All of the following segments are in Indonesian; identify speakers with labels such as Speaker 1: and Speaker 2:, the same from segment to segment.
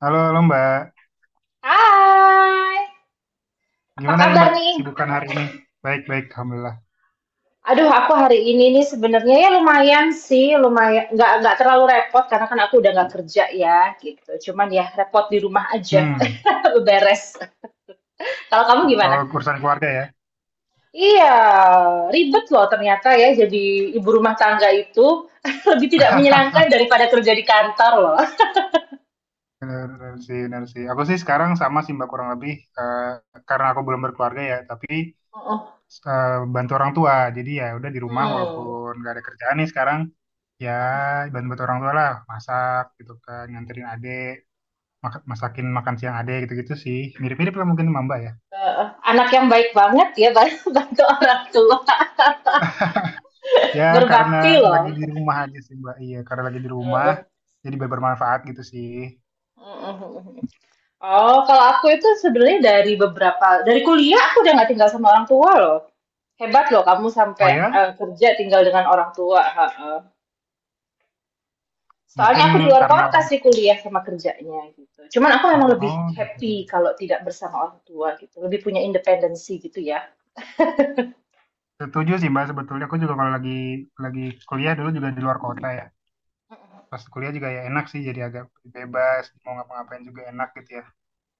Speaker 1: Halo, halo Mbak.
Speaker 2: Hai, apa
Speaker 1: Gimana nih
Speaker 2: kabar
Speaker 1: Mbak
Speaker 2: nih?
Speaker 1: sibukan hari ini? Baik-baik, Alhamdulillah.
Speaker 2: Aduh, aku hari ini nih sebenarnya ya lumayan sih, lumayan nggak terlalu repot karena kan aku udah nggak kerja ya gitu. Cuman ya repot di rumah aja,
Speaker 1: Hmm,
Speaker 2: beres. Kalau kamu gimana?
Speaker 1: kalau urusan keluarga ya.
Speaker 2: Iya, ribet loh ternyata ya jadi ibu rumah tangga itu lebih tidak menyenangkan daripada kerja di kantor loh.
Speaker 1: Benar, benar sih, benar sih. Aku sih sekarang sama sih Mbak kurang lebih. eh, karena aku belum berkeluarga ya, tapi
Speaker 2: Heeh.
Speaker 1: eh, bantu orang tua. Jadi ya udah di rumah
Speaker 2: Hmm.
Speaker 1: walaupun gak ada kerjaan nih sekarang. Ya bantu-bantu orang tua lah. Masak gitu kan, nganterin adek. Masakin makan siang adek gitu-gitu sih. Mirip-mirip lah mungkin sama Mbak ya.
Speaker 2: Anak yang baik banget ya bantu orang tua,
Speaker 1: Ya karena
Speaker 2: berbakti
Speaker 1: lagi
Speaker 2: loh.
Speaker 1: di rumah aja sih Mbak. Iya, karena lagi di rumah.
Speaker 2: Heeh.
Speaker 1: Jadi bermanfaat gitu sih.
Speaker 2: Mhm, mhm, mhm. Oh, kalau aku itu sebenarnya dari beberapa dari kuliah aku udah nggak tinggal sama orang tua loh. Hebat loh kamu
Speaker 1: Oh
Speaker 2: sampai
Speaker 1: ya,
Speaker 2: kerja tinggal dengan orang tua. Ha, ha. Soalnya
Speaker 1: mungkin
Speaker 2: aku di luar
Speaker 1: karena
Speaker 2: kota
Speaker 1: orang
Speaker 2: sih kuliah sama kerjanya gitu. Cuman aku emang lebih
Speaker 1: oh gitu.
Speaker 2: happy kalau tidak bersama orang tua gitu. Lebih punya independensi gitu ya.
Speaker 1: Setuju sih Mbak, sebetulnya aku juga kalau lagi lagi kuliah dulu juga di luar kota ya. Pas kuliah juga ya enak sih, jadi agak bebas mau ngapa-ngapain juga enak gitu ya.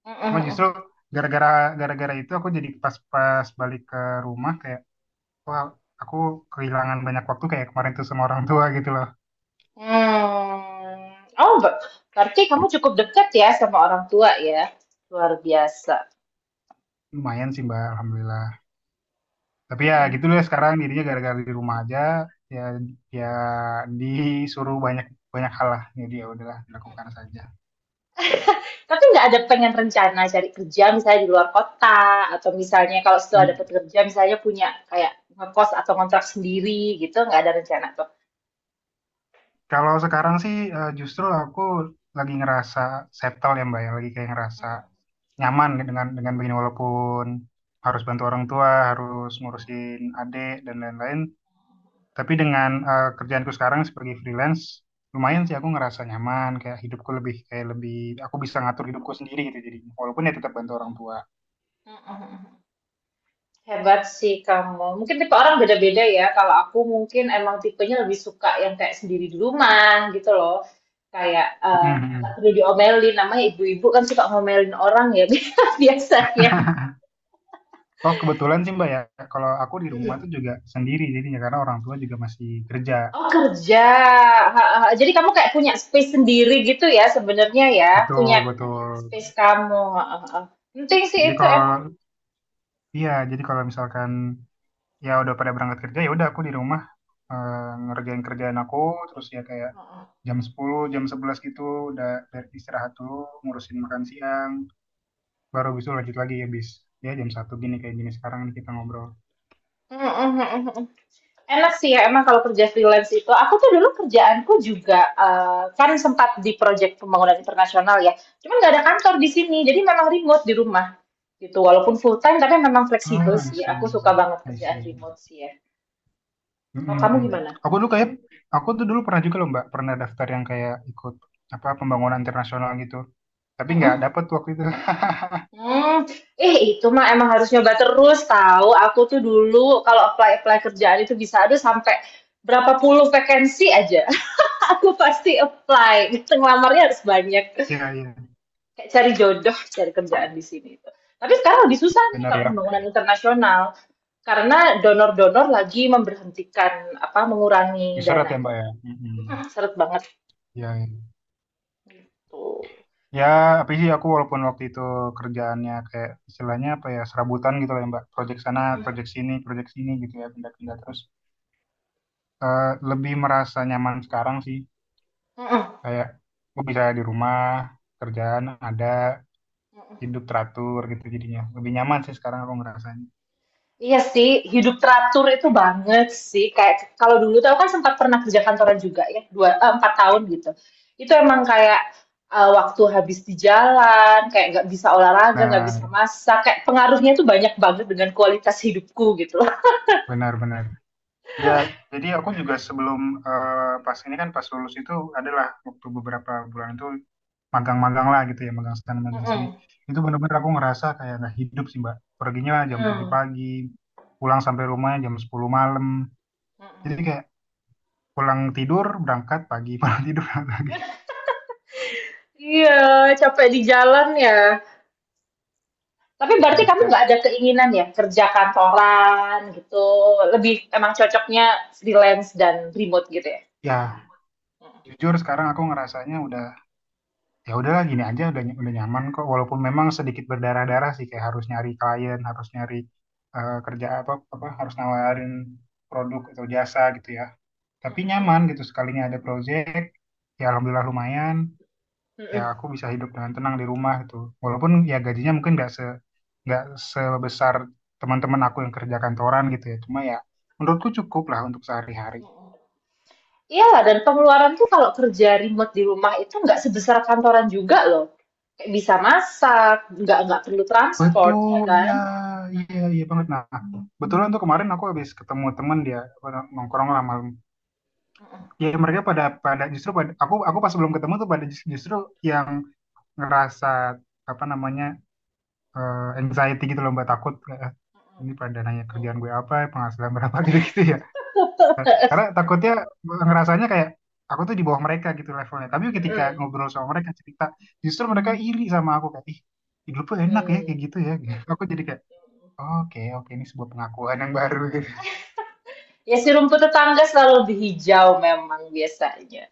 Speaker 2: Mhm,
Speaker 1: Cuma justru
Speaker 2: mhm.
Speaker 1: gara-gara gara-gara itu aku jadi pas-pas balik ke rumah kayak wah aku kehilangan banyak waktu kayak kemarin tuh sama orang tua gitu loh.
Speaker 2: Hmm. Berarti kamu cukup dekat ya sama orang tua ya. Luar biasa.
Speaker 1: Lumayan sih Mbak, alhamdulillah. Tapi ya gitu deh sekarang dirinya gara-gara di rumah aja, ya ya disuruh banyak banyak hal lah, jadi ya udahlah dilakukan saja.
Speaker 2: Tapi nggak ada pengen rencana cari kerja misalnya di luar kota atau misalnya kalau setelah dapat
Speaker 1: Hmm.
Speaker 2: kerja misalnya punya kayak ngekos atau kontrak sendiri gitu nggak ada rencana tuh.
Speaker 1: Kalau sekarang sih, justru aku lagi ngerasa settle ya Mbak, ya. Lagi kayak ngerasa nyaman dengan begini walaupun harus bantu orang tua, harus ngurusin adik dan lain-lain. Tapi dengan kerjaanku sekarang sebagai freelance, lumayan sih aku ngerasa nyaman, kayak hidupku lebih, kayak lebih aku bisa ngatur hidupku sendiri gitu. Jadi walaupun ya tetap bantu orang tua.
Speaker 2: Hebat sih kamu. Mungkin tipe orang beda-beda ya. Kalau aku mungkin emang tipenya lebih suka yang kayak sendiri di rumah gitu loh. Kayak nggak
Speaker 1: Mhm.
Speaker 2: perlu diomelin. Namanya ibu-ibu kan suka ngomelin orang ya biasanya.
Speaker 1: Oh kebetulan sih Mbak ya, kalau aku di rumah tuh juga sendiri jadinya karena orang tua juga masih kerja.
Speaker 2: Oh kerja, heeh heeh. Jadi kamu kayak punya space sendiri gitu ya sebenarnya ya, punya
Speaker 1: Betul, betul.
Speaker 2: space kamu. Heeh, heeh. Penting sih
Speaker 1: Jadi
Speaker 2: itu emang.
Speaker 1: kalau iya, jadi kalau misalkan ya udah pada berangkat kerja, ya udah aku di rumah eh, ngerjain kerjaan aku, terus ya kayak
Speaker 2: Heeh.
Speaker 1: jam 10, jam 11 gitu udah istirahat dulu, ngurusin makan siang, baru besok lanjut lagi ya bis. Ya jam satu gini kayak gini sekarang nih kita ngobrol.
Speaker 2: Heeh, heeh, heeh. Enak sih ya emang kalau kerja freelance itu. Aku tuh dulu kerjaanku juga kan sempat di proyek pembangunan internasional ya. Cuman nggak ada kantor di sini, jadi memang remote di rumah gitu. Walaupun full time tapi memang
Speaker 1: Oh,
Speaker 2: fleksibel
Speaker 1: I
Speaker 2: sih. Aku suka
Speaker 1: see.
Speaker 2: banget
Speaker 1: I
Speaker 2: kerjaan
Speaker 1: see.
Speaker 2: remote sih ya. Kalau kamu
Speaker 1: Mm-mm-mm.
Speaker 2: gimana?
Speaker 1: Aku dulu kayak aku tuh dulu pernah juga loh Mbak, pernah daftar yang kayak ikut apa pembangunan internasional gitu. Tapi nggak dapet waktu itu.
Speaker 2: Hmm, itu mah emang harus nyoba terus tahu. Aku tuh dulu kalau apply-apply kerjaan itu bisa ada sampai berapa puluh vakansi aja. Aku pasti apply. Ngelamarnya harus banyak.
Speaker 1: Iya, iya.
Speaker 2: Kayak cari jodoh, cari kerjaan di sini itu. Tapi sekarang lebih susah nih
Speaker 1: Benar
Speaker 2: kalau
Speaker 1: ya.
Speaker 2: pembangunan internasional karena donor-donor lagi memberhentikan apa mengurangi
Speaker 1: Diseret ya Mbak
Speaker 2: dananya.
Speaker 1: ya. Mm-mm.
Speaker 2: Seret banget
Speaker 1: Ya,
Speaker 2: gitu.
Speaker 1: ya apa sih aku walaupun waktu itu kerjaannya kayak istilahnya apa ya serabutan gitu lah ya Mbak. Project sana, project sini gitu ya pindah-pindah terus. Lebih merasa nyaman sekarang sih.
Speaker 2: Mm-mm.
Speaker 1: Kayak gue bisa di rumah, kerjaan ada, hidup teratur gitu jadinya. Lebih nyaman sih sekarang aku ngerasanya.
Speaker 2: Iya sih, hidup teratur itu banget sih. Kayak kalau dulu tuh aku kan sempat pernah kerja kantoran juga ya, 4 tahun gitu. Itu emang kayak waktu habis di jalan, kayak nggak bisa olahraga, nggak
Speaker 1: Nah,
Speaker 2: bisa masak. Kayak pengaruhnya tuh banyak banget dengan kualitas hidupku gitu loh.
Speaker 1: benar-benar. Ya, jadi aku juga sebelum pas ini kan pas lulus itu adalah waktu beberapa bulan itu magang-magang lah gitu ya, magang sana, magang sini.
Speaker 2: Mm-mm.
Speaker 1: Itu bener-bener aku ngerasa kayak nggak hidup sih, Mbak. Perginya jam 7
Speaker 2: Hmm.
Speaker 1: pagi, pulang sampai rumah jam 10 malam.
Speaker 2: Mm-mm.
Speaker 1: Jadi kayak pulang tidur, berangkat pagi, pulang tidur, berangkat pagi.
Speaker 2: Iya, capek di jalan ya. Tapi berarti
Speaker 1: Bener.
Speaker 2: kamu
Speaker 1: Dan
Speaker 2: nggak ada keinginan ya kerja kantoran gitu. Lebih emang cocoknya freelance dan remote gitu ya.
Speaker 1: ya jujur sekarang aku ngerasanya udah, ya udahlah gini aja udah udah nyaman kok, walaupun memang sedikit berdarah-darah sih kayak harus nyari klien, harus nyari kerja apa, apa harus nawarin produk atau jasa gitu ya. Tapi nyaman gitu, sekalinya ada project ya alhamdulillah lumayan, ya
Speaker 2: Mm-mm.
Speaker 1: aku bisa hidup dengan tenang di rumah gitu, walaupun ya gajinya mungkin nggak nggak sebesar teman-teman aku yang kerja kantoran gitu ya, cuma ya menurutku cukup lah untuk sehari-hari.
Speaker 2: Iyalah dan pengeluaran tuh kalau kerja remote di rumah itu nggak sebesar kantoran juga loh. Kayak bisa masak, nggak perlu transport, ya
Speaker 1: Betul,
Speaker 2: kan?
Speaker 1: iya iya iya banget. Nah, betulan tuh kemarin aku habis ketemu temen, dia apa, nongkrong lah malam, ya mereka pada pada justru pada, aku pas belum ketemu tuh pada justru yang ngerasa apa namanya anxiety gitu loh mbak, takut ini pada nanya kerjaan gue apa, penghasilan berapa gitu-gitu ya. Karena takutnya ngerasanya kayak aku tuh di bawah mereka gitu levelnya. Tapi ketika
Speaker 2: Mm-mm.
Speaker 1: ngobrol sama mereka cerita, justru mereka iri sama aku kayak, ih, hidup lu enak ya
Speaker 2: Hmm.
Speaker 1: kayak gitu ya. Aku jadi kayak, oke oke ini sebuah pengakuan yang baru gitu.
Speaker 2: Ya si rumput tetangga selalu lebih hijau memang biasanya.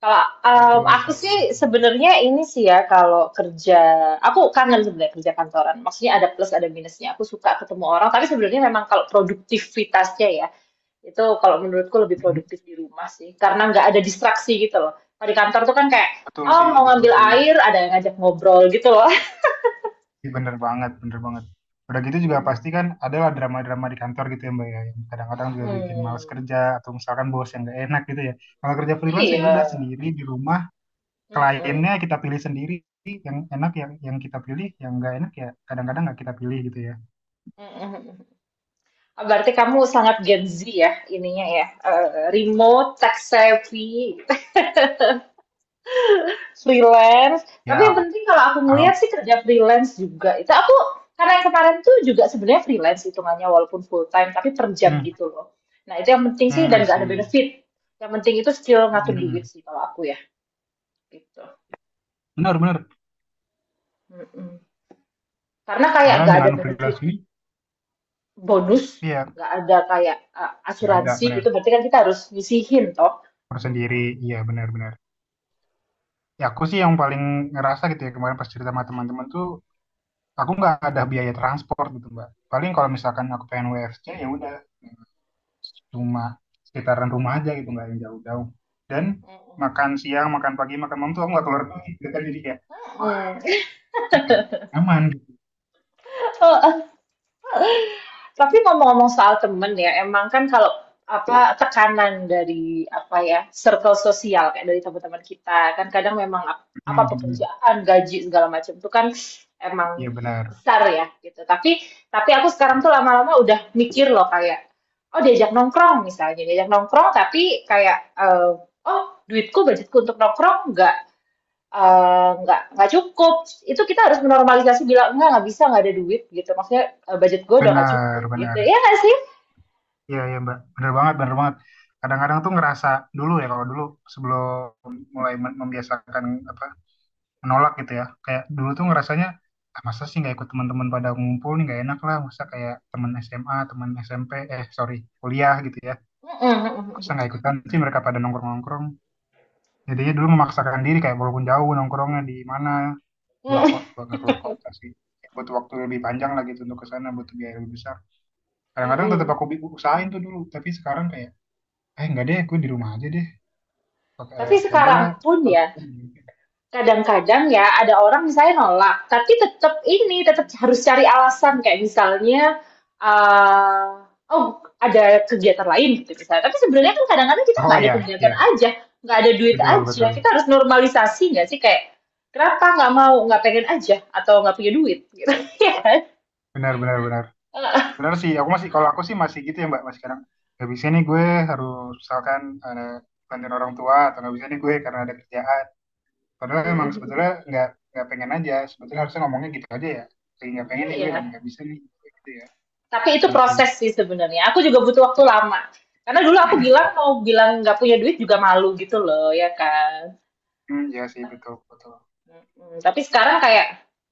Speaker 2: Kalau
Speaker 1: Betul
Speaker 2: aku
Speaker 1: sih.
Speaker 2: sih sebenarnya ini sih ya kalau kerja, aku kangen sebenarnya kerja kantoran. Maksudnya ada plus ada minusnya. Aku suka ketemu orang, tapi sebenarnya memang kalau produktivitasnya ya itu kalau menurutku lebih
Speaker 1: Mhm.
Speaker 2: produktif di rumah sih, karena nggak ada distraksi gitu loh. Kalau di kantor tuh kan kayak,
Speaker 1: Betul
Speaker 2: oh
Speaker 1: sih,
Speaker 2: mau
Speaker 1: betul
Speaker 2: ngambil
Speaker 1: sih.
Speaker 2: air, ada yang ngajak ngobrol gitu loh.
Speaker 1: Ih, bener banget, bener banget. Udah gitu juga pasti kan adalah drama-drama di kantor gitu ya Mbak ya. Yang kadang-kadang juga bikin males
Speaker 2: Hmm,
Speaker 1: kerja atau misalkan bos yang gak enak gitu ya. Kalau kerja freelance ya udah
Speaker 2: iya.
Speaker 1: sendiri di rumah,
Speaker 2: Mm-mm.
Speaker 1: kliennya kita pilih sendiri, yang enak yang kita pilih, yang nggak enak ya kadang-kadang nggak kita pilih gitu ya.
Speaker 2: Mm-mm. Berarti kamu sangat Gen Z ya, ininya ya. Remote, tech savvy. Freelance. Tapi yang
Speaker 1: Ya
Speaker 2: penting kalau aku
Speaker 1: ah,
Speaker 2: ngelihat sih kerja freelance juga. Itu aku karena yang kemarin tuh juga sebenarnya freelance hitungannya walaupun full time tapi per jam
Speaker 1: hmm,
Speaker 2: gitu loh. Nah itu yang penting sih
Speaker 1: hmm, I
Speaker 2: dan gak ada
Speaker 1: see.
Speaker 2: benefit. Yang penting itu skill ngatur duit
Speaker 1: Hmm,
Speaker 2: sih kalau aku ya gitu.
Speaker 1: benar benar,
Speaker 2: Mm-mm. Karena kayak
Speaker 1: karena
Speaker 2: gak ada
Speaker 1: dengan
Speaker 2: benefit
Speaker 1: freelance ini,
Speaker 2: bonus,
Speaker 1: iya
Speaker 2: gak ada kayak
Speaker 1: nggak ada
Speaker 2: asuransi
Speaker 1: benar,
Speaker 2: gitu. Berarti kan kita harus nyisihin toh.
Speaker 1: harus sendiri.
Speaker 2: Mm-mm.
Speaker 1: Iya, benar benar, ya aku sih yang paling ngerasa gitu ya, kemarin pas cerita sama teman-teman tuh aku nggak ada biaya transport gitu mbak, paling kalau misalkan aku pengen WFC ya udah cuma sekitaran rumah aja gitu, nggak yang jauh-jauh, dan
Speaker 2: Mm-mm.
Speaker 1: makan siang, makan pagi, makan malam tuh aku nggak keluar rumah gitu kan, jadi kayak wah
Speaker 2: Mm-mm.
Speaker 1: ini kan nyaman gitu.
Speaker 2: Tapi ngomong-ngomong soal temen ya, emang kan kalau apa tekanan dari apa ya circle sosial kayak dari teman-teman kita kan kadang memang
Speaker 1: Hmm,
Speaker 2: apa
Speaker 1: hmm. Hmm.
Speaker 2: pekerjaan, gaji segala macam itu kan emang
Speaker 1: Iya benar
Speaker 2: besar ya gitu. Tapi aku sekarang tuh lama-lama udah mikir loh kayak oh diajak nongkrong misalnya diajak nongkrong tapi kayak oh duitku budgetku untuk nongkrong nggak Eee, nggak cukup, itu kita harus menormalisasi bilang, "Enggak, nggak bisa, nggak ada duit," gitu. Maksudnya, "Budget gue udah nggak
Speaker 1: benar
Speaker 2: cukup," gitu.
Speaker 1: benar.
Speaker 2: Ya nggak sih?
Speaker 1: Iya iya mbak, benar banget, benar banget. Kadang-kadang tuh ngerasa dulu, ya kalau dulu sebelum mulai membiasakan apa menolak gitu ya, kayak dulu tuh ngerasanya ah, masa sih nggak ikut teman-teman pada ngumpul nih nggak enak lah, masa kayak teman SMA, teman SMP eh sorry kuliah gitu ya,
Speaker 2: Mhm, mhm,
Speaker 1: masa
Speaker 2: mhm.
Speaker 1: nggak ikutan sih mereka pada nongkrong-nongkrong. Jadinya dulu memaksakan diri kayak walaupun jauh nongkrongnya di mana, keluar
Speaker 2: Mhm.
Speaker 1: kota nggak keluar kota sih, butuh waktu lebih panjang lagi gitu untuk ke sana, butuh biaya lebih besar kadang-kadang, tetap
Speaker 2: Mhm.
Speaker 1: aku usahain tuh dulu. Tapi sekarang kayak eh nggak deh gue di rumah aja deh pakai
Speaker 2: Tapi
Speaker 1: ya
Speaker 2: sekarang
Speaker 1: udahlah
Speaker 2: pun
Speaker 1: kalau
Speaker 2: ya,
Speaker 1: aku mungkin.
Speaker 2: kadang-kadang ya ada orang misalnya nolak, tapi tetap ini, tetap harus cari alasan kayak misalnya eee, oh ada kegiatan lain gitu misalnya. Tapi sebenarnya kan kadang-kadang kita
Speaker 1: Oh
Speaker 2: nggak ada
Speaker 1: ya,
Speaker 2: kegiatan
Speaker 1: ya,
Speaker 2: aja, nggak ada duit
Speaker 1: betul
Speaker 2: aja.
Speaker 1: betul.
Speaker 2: Kita harus normalisasi nggak sih kayak, kenapa nggak mau, nggak pengen aja atau nggak punya duit gitu, iya kan?
Speaker 1: Benar benar benar.
Speaker 2: Heeh,
Speaker 1: Benar sih, aku masih, kalau aku sih masih gitu ya mbak, masih kadang nggak bisa nih gue, harus misalkan ada bantuin orang tua, atau nggak bisa nih gue karena ada kerjaan. Padahal
Speaker 2: mhm,
Speaker 1: emang
Speaker 2: mhm.
Speaker 1: sebetulnya nggak pengen aja. Sebetulnya harusnya ngomongnya gitu aja ya. Kayak nggak pengen nih gue dan
Speaker 2: Iya,
Speaker 1: nggak bisa nih gue gitu ya.
Speaker 2: tapi itu
Speaker 1: Terus sih,
Speaker 2: proses sih sebenarnya. Aku juga butuh waktu lama. Karena dulu aku bilang mau bilang nggak punya duit juga malu gitu loh, ya kan?
Speaker 1: hmm, ya sih betul betul.
Speaker 2: Mhm, tapi sekarang kayak,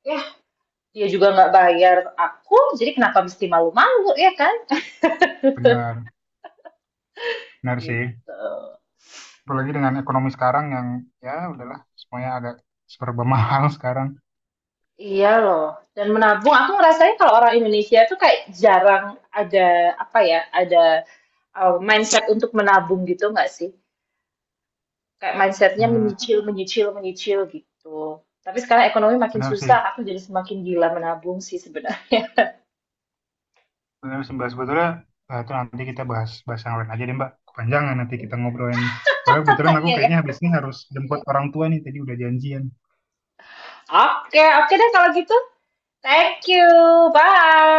Speaker 2: ya dia juga nggak bayar aku, jadi kenapa mesti malu-malu ya kan?
Speaker 1: Benar, benar sih.
Speaker 2: Gitu.
Speaker 1: Apalagi dengan ekonomi sekarang yang ya udahlah semuanya agak serba mahal sekarang.
Speaker 2: Iya loh. Dan menabung, aku ngerasain kalau orang Indonesia tuh kayak jarang ada apa ya, ada mindset untuk menabung gitu nggak sih? Kayak mindsetnya menyicil,
Speaker 1: Hmm,
Speaker 2: menyicil, menyicil gitu. Tapi sekarang ekonomi makin
Speaker 1: benar sih,
Speaker 2: susah, aku jadi semakin gila menabung sih sebenarnya.
Speaker 1: benar sih Mbak. Sebetulnya itu nanti kita bahas bahas yang lain aja deh Mbak. Kepanjangan nanti kita ngobrolin nih. Soalnya kebetulan aku
Speaker 2: Iya ya.
Speaker 1: kayaknya habis ini harus jemput orang tua nih. Tadi udah janjian.
Speaker 2: Oke, oke deh kalau gitu. Thank you. Bye.